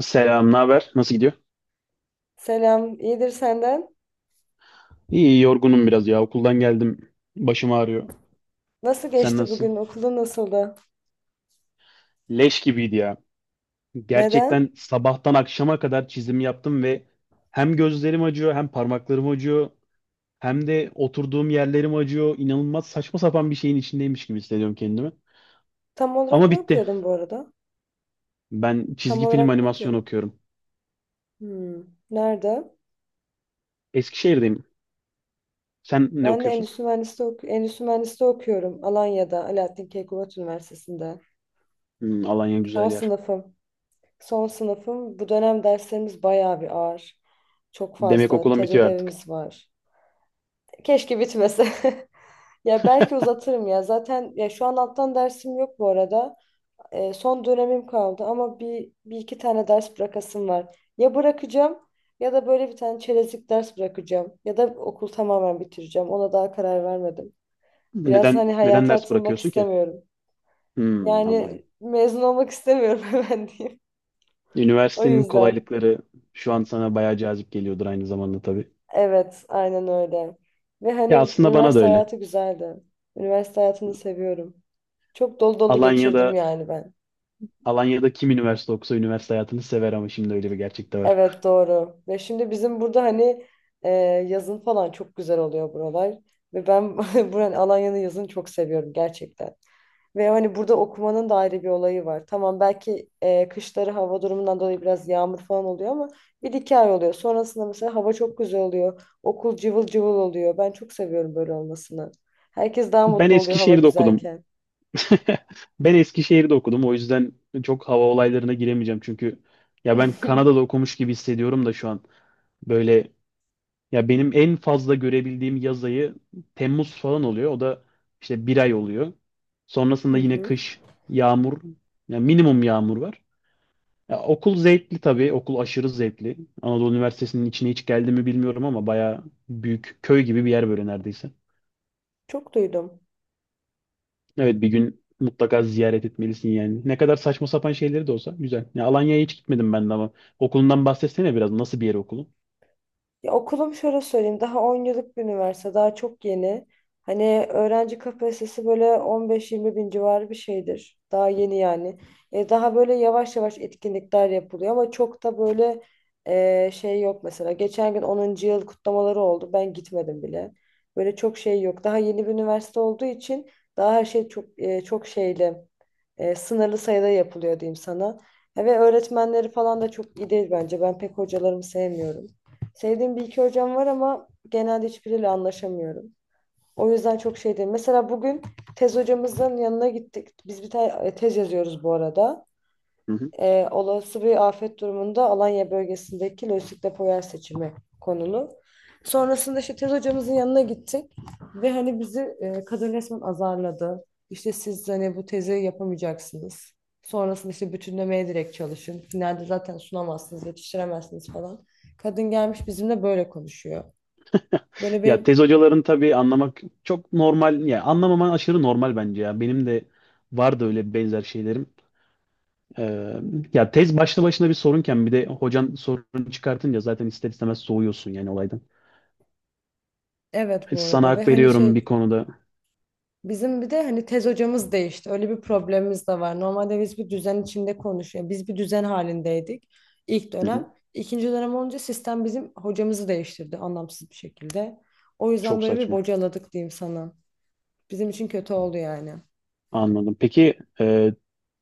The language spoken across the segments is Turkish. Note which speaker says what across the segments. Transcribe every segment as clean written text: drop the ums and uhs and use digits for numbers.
Speaker 1: Selam, ne haber? Nasıl gidiyor?
Speaker 2: Selam, iyidir senden.
Speaker 1: İyi, yorgunum biraz ya. Okuldan geldim. Başım ağrıyor.
Speaker 2: Nasıl
Speaker 1: Sen
Speaker 2: geçti bugün?
Speaker 1: nasılsın?
Speaker 2: Okulda nasıldı?
Speaker 1: Leş gibiydi ya.
Speaker 2: Neden?
Speaker 1: Gerçekten sabahtan akşama kadar çizim yaptım ve hem gözlerim acıyor, hem parmaklarım acıyor, hem de oturduğum yerlerim acıyor. İnanılmaz saçma sapan bir şeyin içindeymiş gibi hissediyorum kendimi.
Speaker 2: Tam olarak
Speaker 1: Ama
Speaker 2: ne
Speaker 1: bitti.
Speaker 2: okuyordun bu arada?
Speaker 1: Ben
Speaker 2: Tam
Speaker 1: çizgi film
Speaker 2: olarak ne
Speaker 1: animasyon
Speaker 2: okuyordun?
Speaker 1: okuyorum.
Speaker 2: Hmm. Nerede?
Speaker 1: Eskişehir'deyim. Sen ne
Speaker 2: Ben de
Speaker 1: okuyorsun?
Speaker 2: endüstri mühendisliği, endüstri mühendisliği okuyorum. Alanya'da, Alaaddin Keykubat Üniversitesi'nde.
Speaker 1: Hmm, Alanya
Speaker 2: Son
Speaker 1: güzel yer.
Speaker 2: sınıfım. Son sınıfım. Bu dönem derslerimiz bayağı bir ağır. Çok
Speaker 1: Demek
Speaker 2: fazla.
Speaker 1: okulun
Speaker 2: Tez
Speaker 1: bitiyor artık.
Speaker 2: ödevimiz var. Keşke bitmese. Ya belki uzatırım ya. Zaten ya şu an alttan dersim yok bu arada. Son dönemim kaldı ama bir iki tane ders bırakasım var. Ya bırakacağım ya da böyle bir tane çerezlik ders bırakacağım. Ya da okul tamamen bitireceğim. Ona daha karar vermedim. Biraz
Speaker 1: Neden
Speaker 2: hani
Speaker 1: neden
Speaker 2: hayata
Speaker 1: ders
Speaker 2: atılmak
Speaker 1: bırakıyorsun ki?
Speaker 2: istemiyorum.
Speaker 1: Hmm, anladım.
Speaker 2: Yani mezun olmak istemiyorum hemen diyeyim. O
Speaker 1: Üniversitenin
Speaker 2: yüzden.
Speaker 1: kolaylıkları şu an sana bayağı cazip geliyordur aynı zamanda tabii.
Speaker 2: Evet, aynen öyle. Ve hani
Speaker 1: Ya aslında bana da
Speaker 2: üniversite
Speaker 1: öyle.
Speaker 2: hayatı güzeldi. Üniversite hayatını seviyorum. Çok dolu dolu geçirdim
Speaker 1: Alanya'da
Speaker 2: yani ben.
Speaker 1: Alanya'da kim üniversite okusa üniversite hayatını sever ama şimdi öyle bir gerçek de var.
Speaker 2: Evet doğru. Ve şimdi bizim burada hani e, yazın falan çok güzel oluyor buralar. Ve ben buranın Alanya'nın yazını çok seviyorum gerçekten. Ve hani burada okumanın da ayrı bir olayı var. Tamam belki kışları hava durumundan dolayı biraz yağmur falan oluyor ama bir iki ay oluyor. Sonrasında mesela hava çok güzel oluyor. Okul cıvıl cıvıl oluyor. Ben çok seviyorum böyle olmasını. Herkes daha
Speaker 1: Ben
Speaker 2: mutlu oluyor hava
Speaker 1: Eskişehir'de okudum.
Speaker 2: güzelken.
Speaker 1: Ben Eskişehir'de okudum. O yüzden çok hava olaylarına giremeyeceğim. Çünkü ya ben Kanada'da okumuş gibi hissediyorum da şu an. Böyle ya benim en fazla görebildiğim yaz ayı Temmuz falan oluyor. O da işte bir ay oluyor. Sonrasında
Speaker 2: Hı
Speaker 1: yine
Speaker 2: hı.
Speaker 1: kış, yağmur, ya minimum yağmur var. Ya okul zevkli tabii. Okul aşırı zevkli. Anadolu Üniversitesi'nin içine hiç geldi mi bilmiyorum ama bayağı büyük köy gibi bir yer böyle neredeyse.
Speaker 2: Çok duydum.
Speaker 1: Evet, bir gün mutlaka ziyaret etmelisin yani. Ne kadar saçma sapan şeyleri de olsa güzel. Ya Alanya'ya hiç gitmedim ben de ama okulundan bahsetsene biraz. Nasıl bir yer okulu?
Speaker 2: Ya okulum şöyle söyleyeyim daha 10 yıllık bir üniversite daha çok yeni. Hani öğrenci kapasitesi böyle 15-20 bin civarı bir şeydir. Daha yeni yani. Daha böyle yavaş yavaş etkinlikler yapılıyor ama çok da böyle şey yok mesela. Geçen gün 10. yıl kutlamaları oldu. Ben gitmedim bile. Böyle çok şey yok. Daha yeni bir üniversite olduğu için daha her şey çok çok şeyli sınırlı sayıda yapılıyor diyeyim sana. Ve öğretmenleri falan da çok iyi değil bence. Ben pek hocalarımı sevmiyorum. Sevdiğim bir iki hocam var ama genelde hiçbiriyle anlaşamıyorum. O yüzden çok şey değil. Mesela bugün tez hocamızın yanına gittik. Biz bir tane tez yazıyoruz bu arada,
Speaker 1: Hı hı.
Speaker 2: olası bir afet durumunda Alanya bölgesindeki lojistik depo yer seçimi konulu. Sonrasında işte tez hocamızın yanına gittik ve hani bizi kadın resmen azarladı. İşte siz hani bu tezi yapamayacaksınız. Sonrasında işte bütünlemeye direkt çalışın. Finalde zaten sunamazsınız, yetiştiremezsiniz falan. Kadın gelmiş bizimle böyle konuşuyor. Böyle
Speaker 1: Ya
Speaker 2: benim
Speaker 1: tez hocaların tabii anlamak çok normal. Ya anlamaman aşırı normal bence ya. Benim de vardı öyle benzer şeylerim. Ee, ya tez başlı başına bir sorunken bir de hocan sorun çıkartınca zaten ister istemez soğuyorsun yani olaydan.
Speaker 2: evet, bu
Speaker 1: Sana
Speaker 2: arada, ve
Speaker 1: hak
Speaker 2: hani
Speaker 1: veriyorum
Speaker 2: şey,
Speaker 1: bir konuda.
Speaker 2: bizim bir de hani tez hocamız değişti. Öyle bir problemimiz de var. Normalde biz bir düzen içinde konuşuyoruz. Biz bir düzen halindeydik ilk
Speaker 1: Hı hı.
Speaker 2: dönem. İkinci dönem olunca sistem bizim hocamızı değiştirdi anlamsız bir şekilde. O yüzden
Speaker 1: Çok
Speaker 2: böyle bir
Speaker 1: saçma.
Speaker 2: bocaladık diyeyim sana. Bizim için kötü oldu yani.
Speaker 1: Anladım. Peki,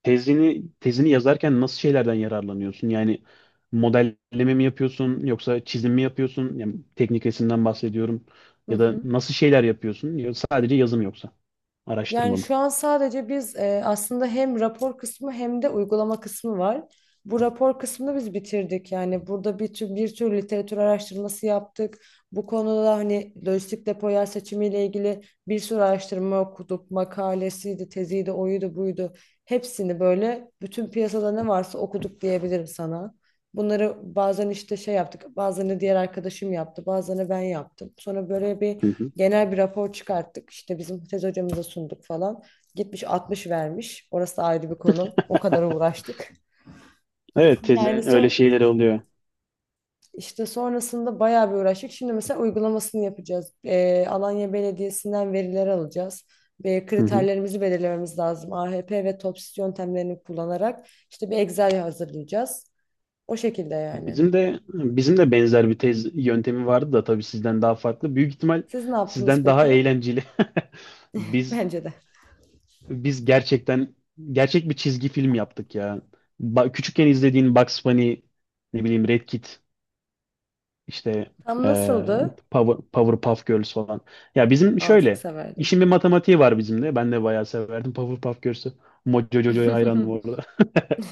Speaker 1: tezini yazarken nasıl şeylerden yararlanıyorsun? Yani modelleme mi yapıyorsun yoksa çizim mi yapıyorsun? Yani teknik resimden bahsediyorum.
Speaker 2: Hı
Speaker 1: Ya da
Speaker 2: hı.
Speaker 1: nasıl şeyler yapıyorsun? Ya sadece yazım yoksa araştırma
Speaker 2: Yani
Speaker 1: mı?
Speaker 2: şu an sadece biz aslında hem rapor kısmı hem de uygulama kısmı var. Bu rapor kısmını biz bitirdik. Yani burada bir tür literatür araştırması yaptık. Bu konuda hani lojistik depo yer seçimiyle ilgili bir sürü araştırma okuduk. Makalesiydi, teziydi, oydu, buydu. Hepsini böyle bütün piyasada ne varsa okuduk diyebilirim sana. Bunları bazen işte şey yaptık, bazen de diğer arkadaşım yaptı, bazen de ben yaptım. Sonra böyle
Speaker 1: Hı
Speaker 2: bir
Speaker 1: hı.
Speaker 2: genel bir rapor çıkarttık. İşte bizim tez hocamıza sunduk falan. Gitmiş 60 vermiş. Orası da ayrı bir konu. O kadar uğraştık.
Speaker 1: Evet,
Speaker 2: Yani
Speaker 1: tezin öyle
Speaker 2: son,
Speaker 1: şeyleri oluyor.
Speaker 2: işte sonrasında bayağı bir uğraştık. Şimdi mesela uygulamasını yapacağız. Alanya Belediyesi'nden veriler alacağız. Ve
Speaker 1: Hı hı.
Speaker 2: kriterlerimizi belirlememiz lazım. AHP ve TOPSIS yöntemlerini kullanarak işte bir Excel hazırlayacağız. O şekilde yani.
Speaker 1: Bizim de benzer bir tez yöntemi vardı da tabii sizden daha farklı. Büyük ihtimal
Speaker 2: Siz ne yaptınız
Speaker 1: sizden daha
Speaker 2: peki?
Speaker 1: eğlenceli. Biz
Speaker 2: Bence de.
Speaker 1: Biz gerçekten gerçek bir çizgi film yaptık ya. Küçükken izlediğin Bugs Bunny, ne bileyim Red Kit, işte
Speaker 2: Tam
Speaker 1: eee
Speaker 2: nasıldı?
Speaker 1: Powerpuff Girls falan. Ya bizim
Speaker 2: Aa, çok
Speaker 1: şöyle,
Speaker 2: severdim.
Speaker 1: işin bir matematiği var bizim de. Ben de bayağı severdim Powerpuff Girls'ü. Mojojojo'ya hayrandım orada.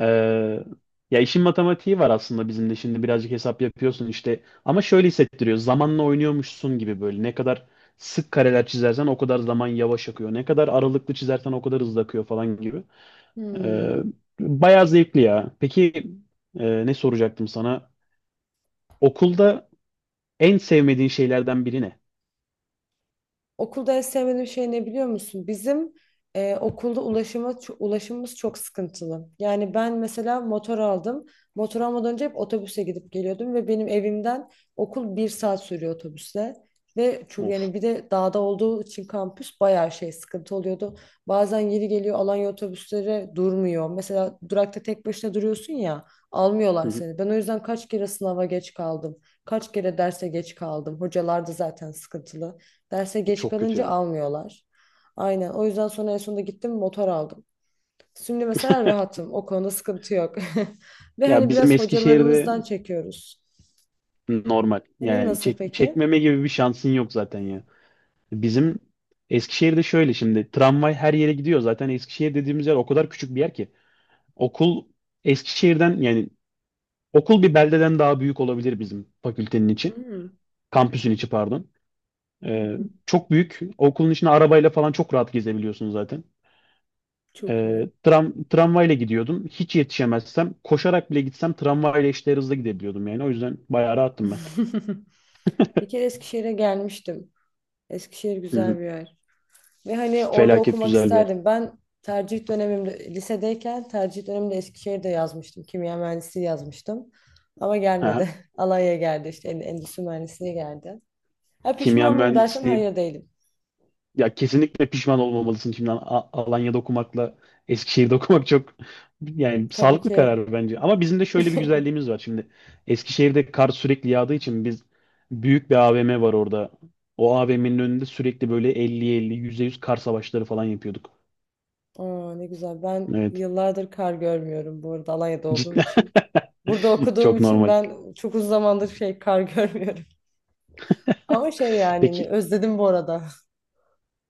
Speaker 1: Ee, ya işin matematiği var aslında bizim de, şimdi birazcık hesap yapıyorsun işte. Ama şöyle hissettiriyor. Zamanla oynuyormuşsun gibi böyle. Ne kadar sık kareler çizersen o kadar zaman yavaş akıyor. Ne kadar aralıklı çizersen o kadar hızlı akıyor falan gibi. Ee,
Speaker 2: Hmm.
Speaker 1: bayağı zevkli ya. Peki, ne soracaktım sana? Okulda en sevmediğin şeylerden biri ne?
Speaker 2: Okulda en sevmediğim şey ne biliyor musun? Bizim okulda ulaşıma, ulaşımımız çok sıkıntılı. Yani ben mesela motor aldım. Motor almadan önce hep otobüse gidip geliyordum ve benim evimden okul bir saat sürüyor otobüsle. Ve çünkü
Speaker 1: Of.
Speaker 2: yani bir de dağda olduğu için kampüs bayağı şey sıkıntı oluyordu. Bazen yeri geliyor Alanya otobüsleri durmuyor. Mesela durakta tek başına duruyorsun ya
Speaker 1: Hı
Speaker 2: almıyorlar
Speaker 1: hı.
Speaker 2: seni. Ben o yüzden kaç kere sınava geç kaldım. Kaç kere derse geç kaldım. Hocalar da zaten sıkıntılı. Derse geç
Speaker 1: Çok kötü
Speaker 2: kalınca
Speaker 1: ya.
Speaker 2: almıyorlar. Aynen. O yüzden sonra en sonunda gittim motor aldım. Şimdi mesela rahatım. O konuda sıkıntı yok. Ve
Speaker 1: Ya
Speaker 2: hani
Speaker 1: bizim
Speaker 2: biraz
Speaker 1: Eskişehir'de.
Speaker 2: hocalarımızdan çekiyoruz.
Speaker 1: Normal.
Speaker 2: Senin
Speaker 1: Yani
Speaker 2: nasıl peki?
Speaker 1: çekmeme gibi bir şansın yok zaten ya. Bizim Eskişehir'de şöyle, şimdi tramvay her yere gidiyor. Zaten Eskişehir dediğimiz yer o kadar küçük bir yer ki. Okul Eskişehir'den yani, okul bir beldeden daha büyük olabilir bizim fakültenin içi.
Speaker 2: Hmm.
Speaker 1: Kampüsün içi pardon.
Speaker 2: Hı
Speaker 1: Ee,
Speaker 2: hı.
Speaker 1: çok büyük. Okulun içine arabayla falan çok rahat gezebiliyorsun zaten.
Speaker 2: Çok iyi.
Speaker 1: Tramvayla gidiyordum. Hiç yetişemezsem koşarak bile gitsem tramvayla eşdeğer hızla gidebiliyordum yani. O yüzden bayağı rahattım ben.
Speaker 2: Bir kere Eskişehir'e gelmiştim. Eskişehir
Speaker 1: Hı hı.
Speaker 2: güzel bir yer. Ve hani orada
Speaker 1: Felaket
Speaker 2: okumak
Speaker 1: güzel bir yer.
Speaker 2: isterdim. Ben tercih dönemimde, lisedeyken tercih döneminde Eskişehir'de yazmıştım. Kimya mühendisliği yazmıştım. Ama gelmedi. Alanya'ya geldi işte endüstri mühendisliği geldi. Ha,
Speaker 1: Kimya
Speaker 2: pişman mıyım dersen
Speaker 1: mühendisliği
Speaker 2: hayır değilim.
Speaker 1: ya, kesinlikle pişman olmamalısın şimdi. Alanya'da okumakla Eskişehir'de okumak çok, yani
Speaker 2: Tabii
Speaker 1: sağlıklı
Speaker 2: ki.
Speaker 1: karar bence. Ama bizim de şöyle bir güzelliğimiz var şimdi. Eskişehir'de kar sürekli yağdığı için biz, büyük bir AVM var orada. O AVM'nin önünde sürekli böyle 50-50, yüz kar savaşları falan yapıyorduk.
Speaker 2: Aa, ne güzel. Ben
Speaker 1: Evet.
Speaker 2: yıllardır kar görmüyorum bu arada Alanya'da olduğum
Speaker 1: Cidden
Speaker 2: için. Burada okuduğum
Speaker 1: çok
Speaker 2: için
Speaker 1: normal.
Speaker 2: ben çok uzun zamandır şey kar görmüyorum. Ama şey yani
Speaker 1: Peki
Speaker 2: özledim bu arada.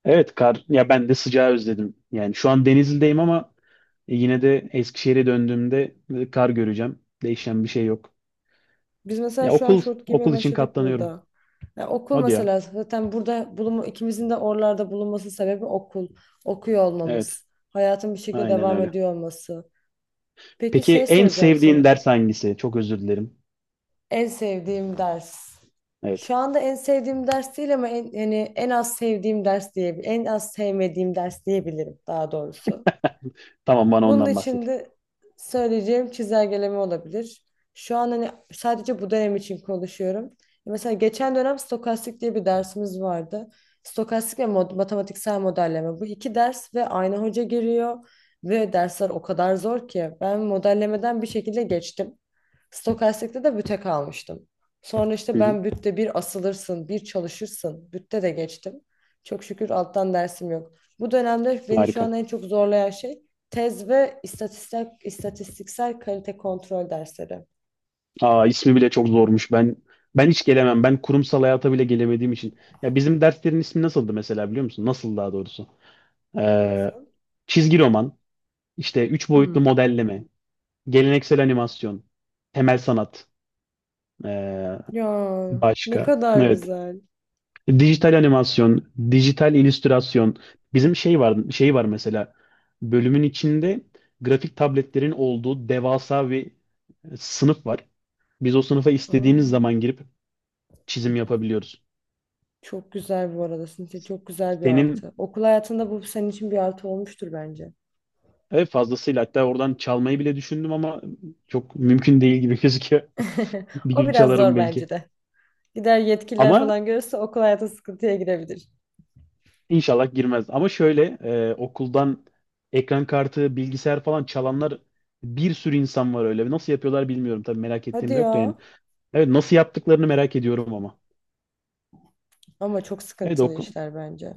Speaker 1: evet, kar, ya ben de sıcağı özledim. Yani şu an Denizli'deyim ama yine de Eskişehir'e döndüğümde kar göreceğim. Değişen bir şey yok.
Speaker 2: Biz mesela
Speaker 1: Ya
Speaker 2: şu an şort giymeye
Speaker 1: okul için
Speaker 2: başladık
Speaker 1: katlanıyorum.
Speaker 2: burada. Ya okul
Speaker 1: Hadi ya.
Speaker 2: mesela zaten burada bulunma, ikimizin de oralarda bulunması sebebi okul. Okuyor
Speaker 1: Evet.
Speaker 2: olmamız. Hayatın bir şekilde
Speaker 1: Aynen
Speaker 2: devam
Speaker 1: öyle.
Speaker 2: ediyor olması. Peki
Speaker 1: Peki
Speaker 2: şey
Speaker 1: en
Speaker 2: soracağım
Speaker 1: sevdiğin
Speaker 2: sana.
Speaker 1: ders hangisi? Çok özür dilerim.
Speaker 2: En sevdiğim ders.
Speaker 1: Evet.
Speaker 2: Şu anda en sevdiğim ders değil ama en, yani en az sevdiğim ders diye, en az sevmediğim ders diyebilirim daha doğrusu.
Speaker 1: Tamam, bana
Speaker 2: Bunun
Speaker 1: ondan
Speaker 2: için
Speaker 1: bahset.
Speaker 2: de söyleyeceğim çizelgeleme olabilir. Şu an hani sadece bu dönem için konuşuyorum. Mesela geçen dönem stokastik diye bir dersimiz vardı. Stokastik ve matematiksel modelleme. Bu iki ders ve aynı hoca giriyor. Ve dersler o kadar zor ki ben modellemeden bir şekilde geçtim. Stokastikte de büte kalmıştım. Sonra işte
Speaker 1: Hı hı.
Speaker 2: ben bütte bir asılırsın, bir çalışırsın. Bütte de geçtim. Çok şükür alttan dersim yok. Bu dönemde beni şu an
Speaker 1: Harika.
Speaker 2: en çok zorlayan şey tez ve istatistik, istatistiksel kalite kontrol dersleri.
Speaker 1: Aa, ismi bile çok zormuş. Ben hiç gelemem. Ben kurumsal hayata bile gelemediğim için. Ya bizim derslerin ismi nasıldı mesela biliyor musun? Nasıl daha doğrusu? Ee, çizgi roman, işte üç boyutlu
Speaker 2: Hmm.
Speaker 1: modelleme, geleneksel animasyon, temel sanat, ee,
Speaker 2: Ya ne
Speaker 1: başka.
Speaker 2: kadar
Speaker 1: Evet.
Speaker 2: güzel.
Speaker 1: Dijital animasyon, dijital illüstrasyon. Bizim şey var, şey var mesela. Bölümün içinde grafik tabletlerin olduğu devasa bir sınıf var. Biz o sınıfa istediğimiz
Speaker 2: Aa,
Speaker 1: zaman girip çizim yapabiliyoruz.
Speaker 2: çok güzel bu arada Sinsi. Çok güzel bir
Speaker 1: Senin,
Speaker 2: artı. Okul hayatında bu senin için bir artı olmuştur bence.
Speaker 1: evet, fazlasıyla, hatta oradan çalmayı bile düşündüm ama çok mümkün değil gibi gözüküyor. Bir
Speaker 2: O
Speaker 1: gün
Speaker 2: biraz
Speaker 1: çalarım
Speaker 2: zor bence
Speaker 1: belki.
Speaker 2: de. Gider yetkililer
Speaker 1: Ama
Speaker 2: falan görürse okul hayatı sıkıntıya girebilir.
Speaker 1: inşallah girmez. Ama şöyle okuldan ekran kartı, bilgisayar falan çalanlar, bir sürü insan var öyle. Nasıl yapıyorlar bilmiyorum tabii, merak
Speaker 2: Hadi
Speaker 1: ettiğim de yok da yani.
Speaker 2: ya.
Speaker 1: Evet, nasıl yaptıklarını merak ediyorum ama.
Speaker 2: Ama çok
Speaker 1: Evet.
Speaker 2: sıkıntılı işler bence.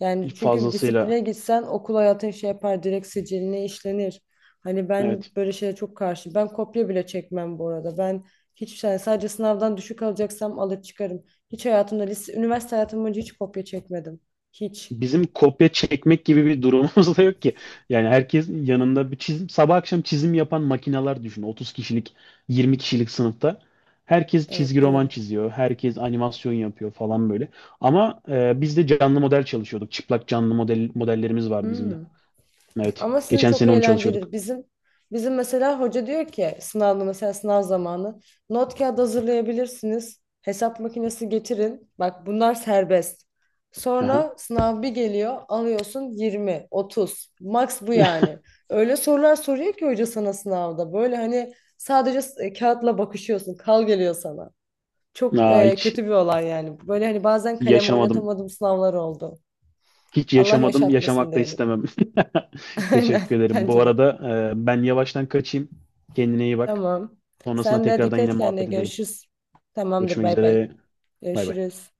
Speaker 2: Yani çünkü bir
Speaker 1: Fazlasıyla.
Speaker 2: disipline gitsen okul hayatın şey yapar direkt siciline işlenir. Hani ben
Speaker 1: Evet.
Speaker 2: böyle şeye çok karşı. Ben kopya bile çekmem bu arada. Ben hiç yani sadece sınavdan düşük alacaksam alıp çıkarım. Hiç hayatımda lise, üniversite hayatım boyunca hiç kopya çekmedim. Hiç.
Speaker 1: Bizim kopya çekmek gibi bir durumumuz da yok ki. Yani herkes yanında bir çizim, sabah akşam çizim yapan makineler düşün. 30 kişilik, 20 kişilik sınıfta. Herkes
Speaker 2: Evet
Speaker 1: çizgi roman
Speaker 2: doğru.
Speaker 1: çiziyor, herkes animasyon yapıyor falan böyle. Ama biz de canlı model çalışıyorduk. Çıplak canlı model, modellerimiz vardı bizim de.
Speaker 2: Hmm.
Speaker 1: Evet.
Speaker 2: Ama sizin
Speaker 1: Geçen
Speaker 2: çok
Speaker 1: sene onu çalışıyorduk.
Speaker 2: eğlencelidir. bizim mesela hoca diyor ki sınavda mesela sınav zamanı not kağıdı hazırlayabilirsiniz. Hesap makinesi getirin. Bak bunlar serbest.
Speaker 1: Aha.
Speaker 2: Sonra sınav bir geliyor alıyorsun 20, 30. Max bu yani. Öyle sorular soruyor ki hoca sana sınavda. Böyle hani sadece kağıtla bakışıyorsun. Kal geliyor sana. Çok
Speaker 1: Aa, hiç
Speaker 2: kötü bir olay yani. Böyle hani bazen kalem
Speaker 1: yaşamadım.
Speaker 2: oynatamadığım sınavlar oldu.
Speaker 1: Hiç
Speaker 2: Allah
Speaker 1: yaşamadım,
Speaker 2: yaşatmasın
Speaker 1: yaşamak da
Speaker 2: diyelim.
Speaker 1: istemem.
Speaker 2: Aynen
Speaker 1: Teşekkür ederim. Bu
Speaker 2: bence de.
Speaker 1: arada ben yavaştan kaçayım. Kendine iyi bak.
Speaker 2: Tamam.
Speaker 1: Sonrasında
Speaker 2: Sen de
Speaker 1: tekrardan
Speaker 2: dikkat
Speaker 1: yine
Speaker 2: et kendine.
Speaker 1: muhabbet edelim.
Speaker 2: Görüşürüz. Tamamdır.
Speaker 1: Görüşmek
Speaker 2: Bay bay.
Speaker 1: üzere. Bay bay.
Speaker 2: Görüşürüz.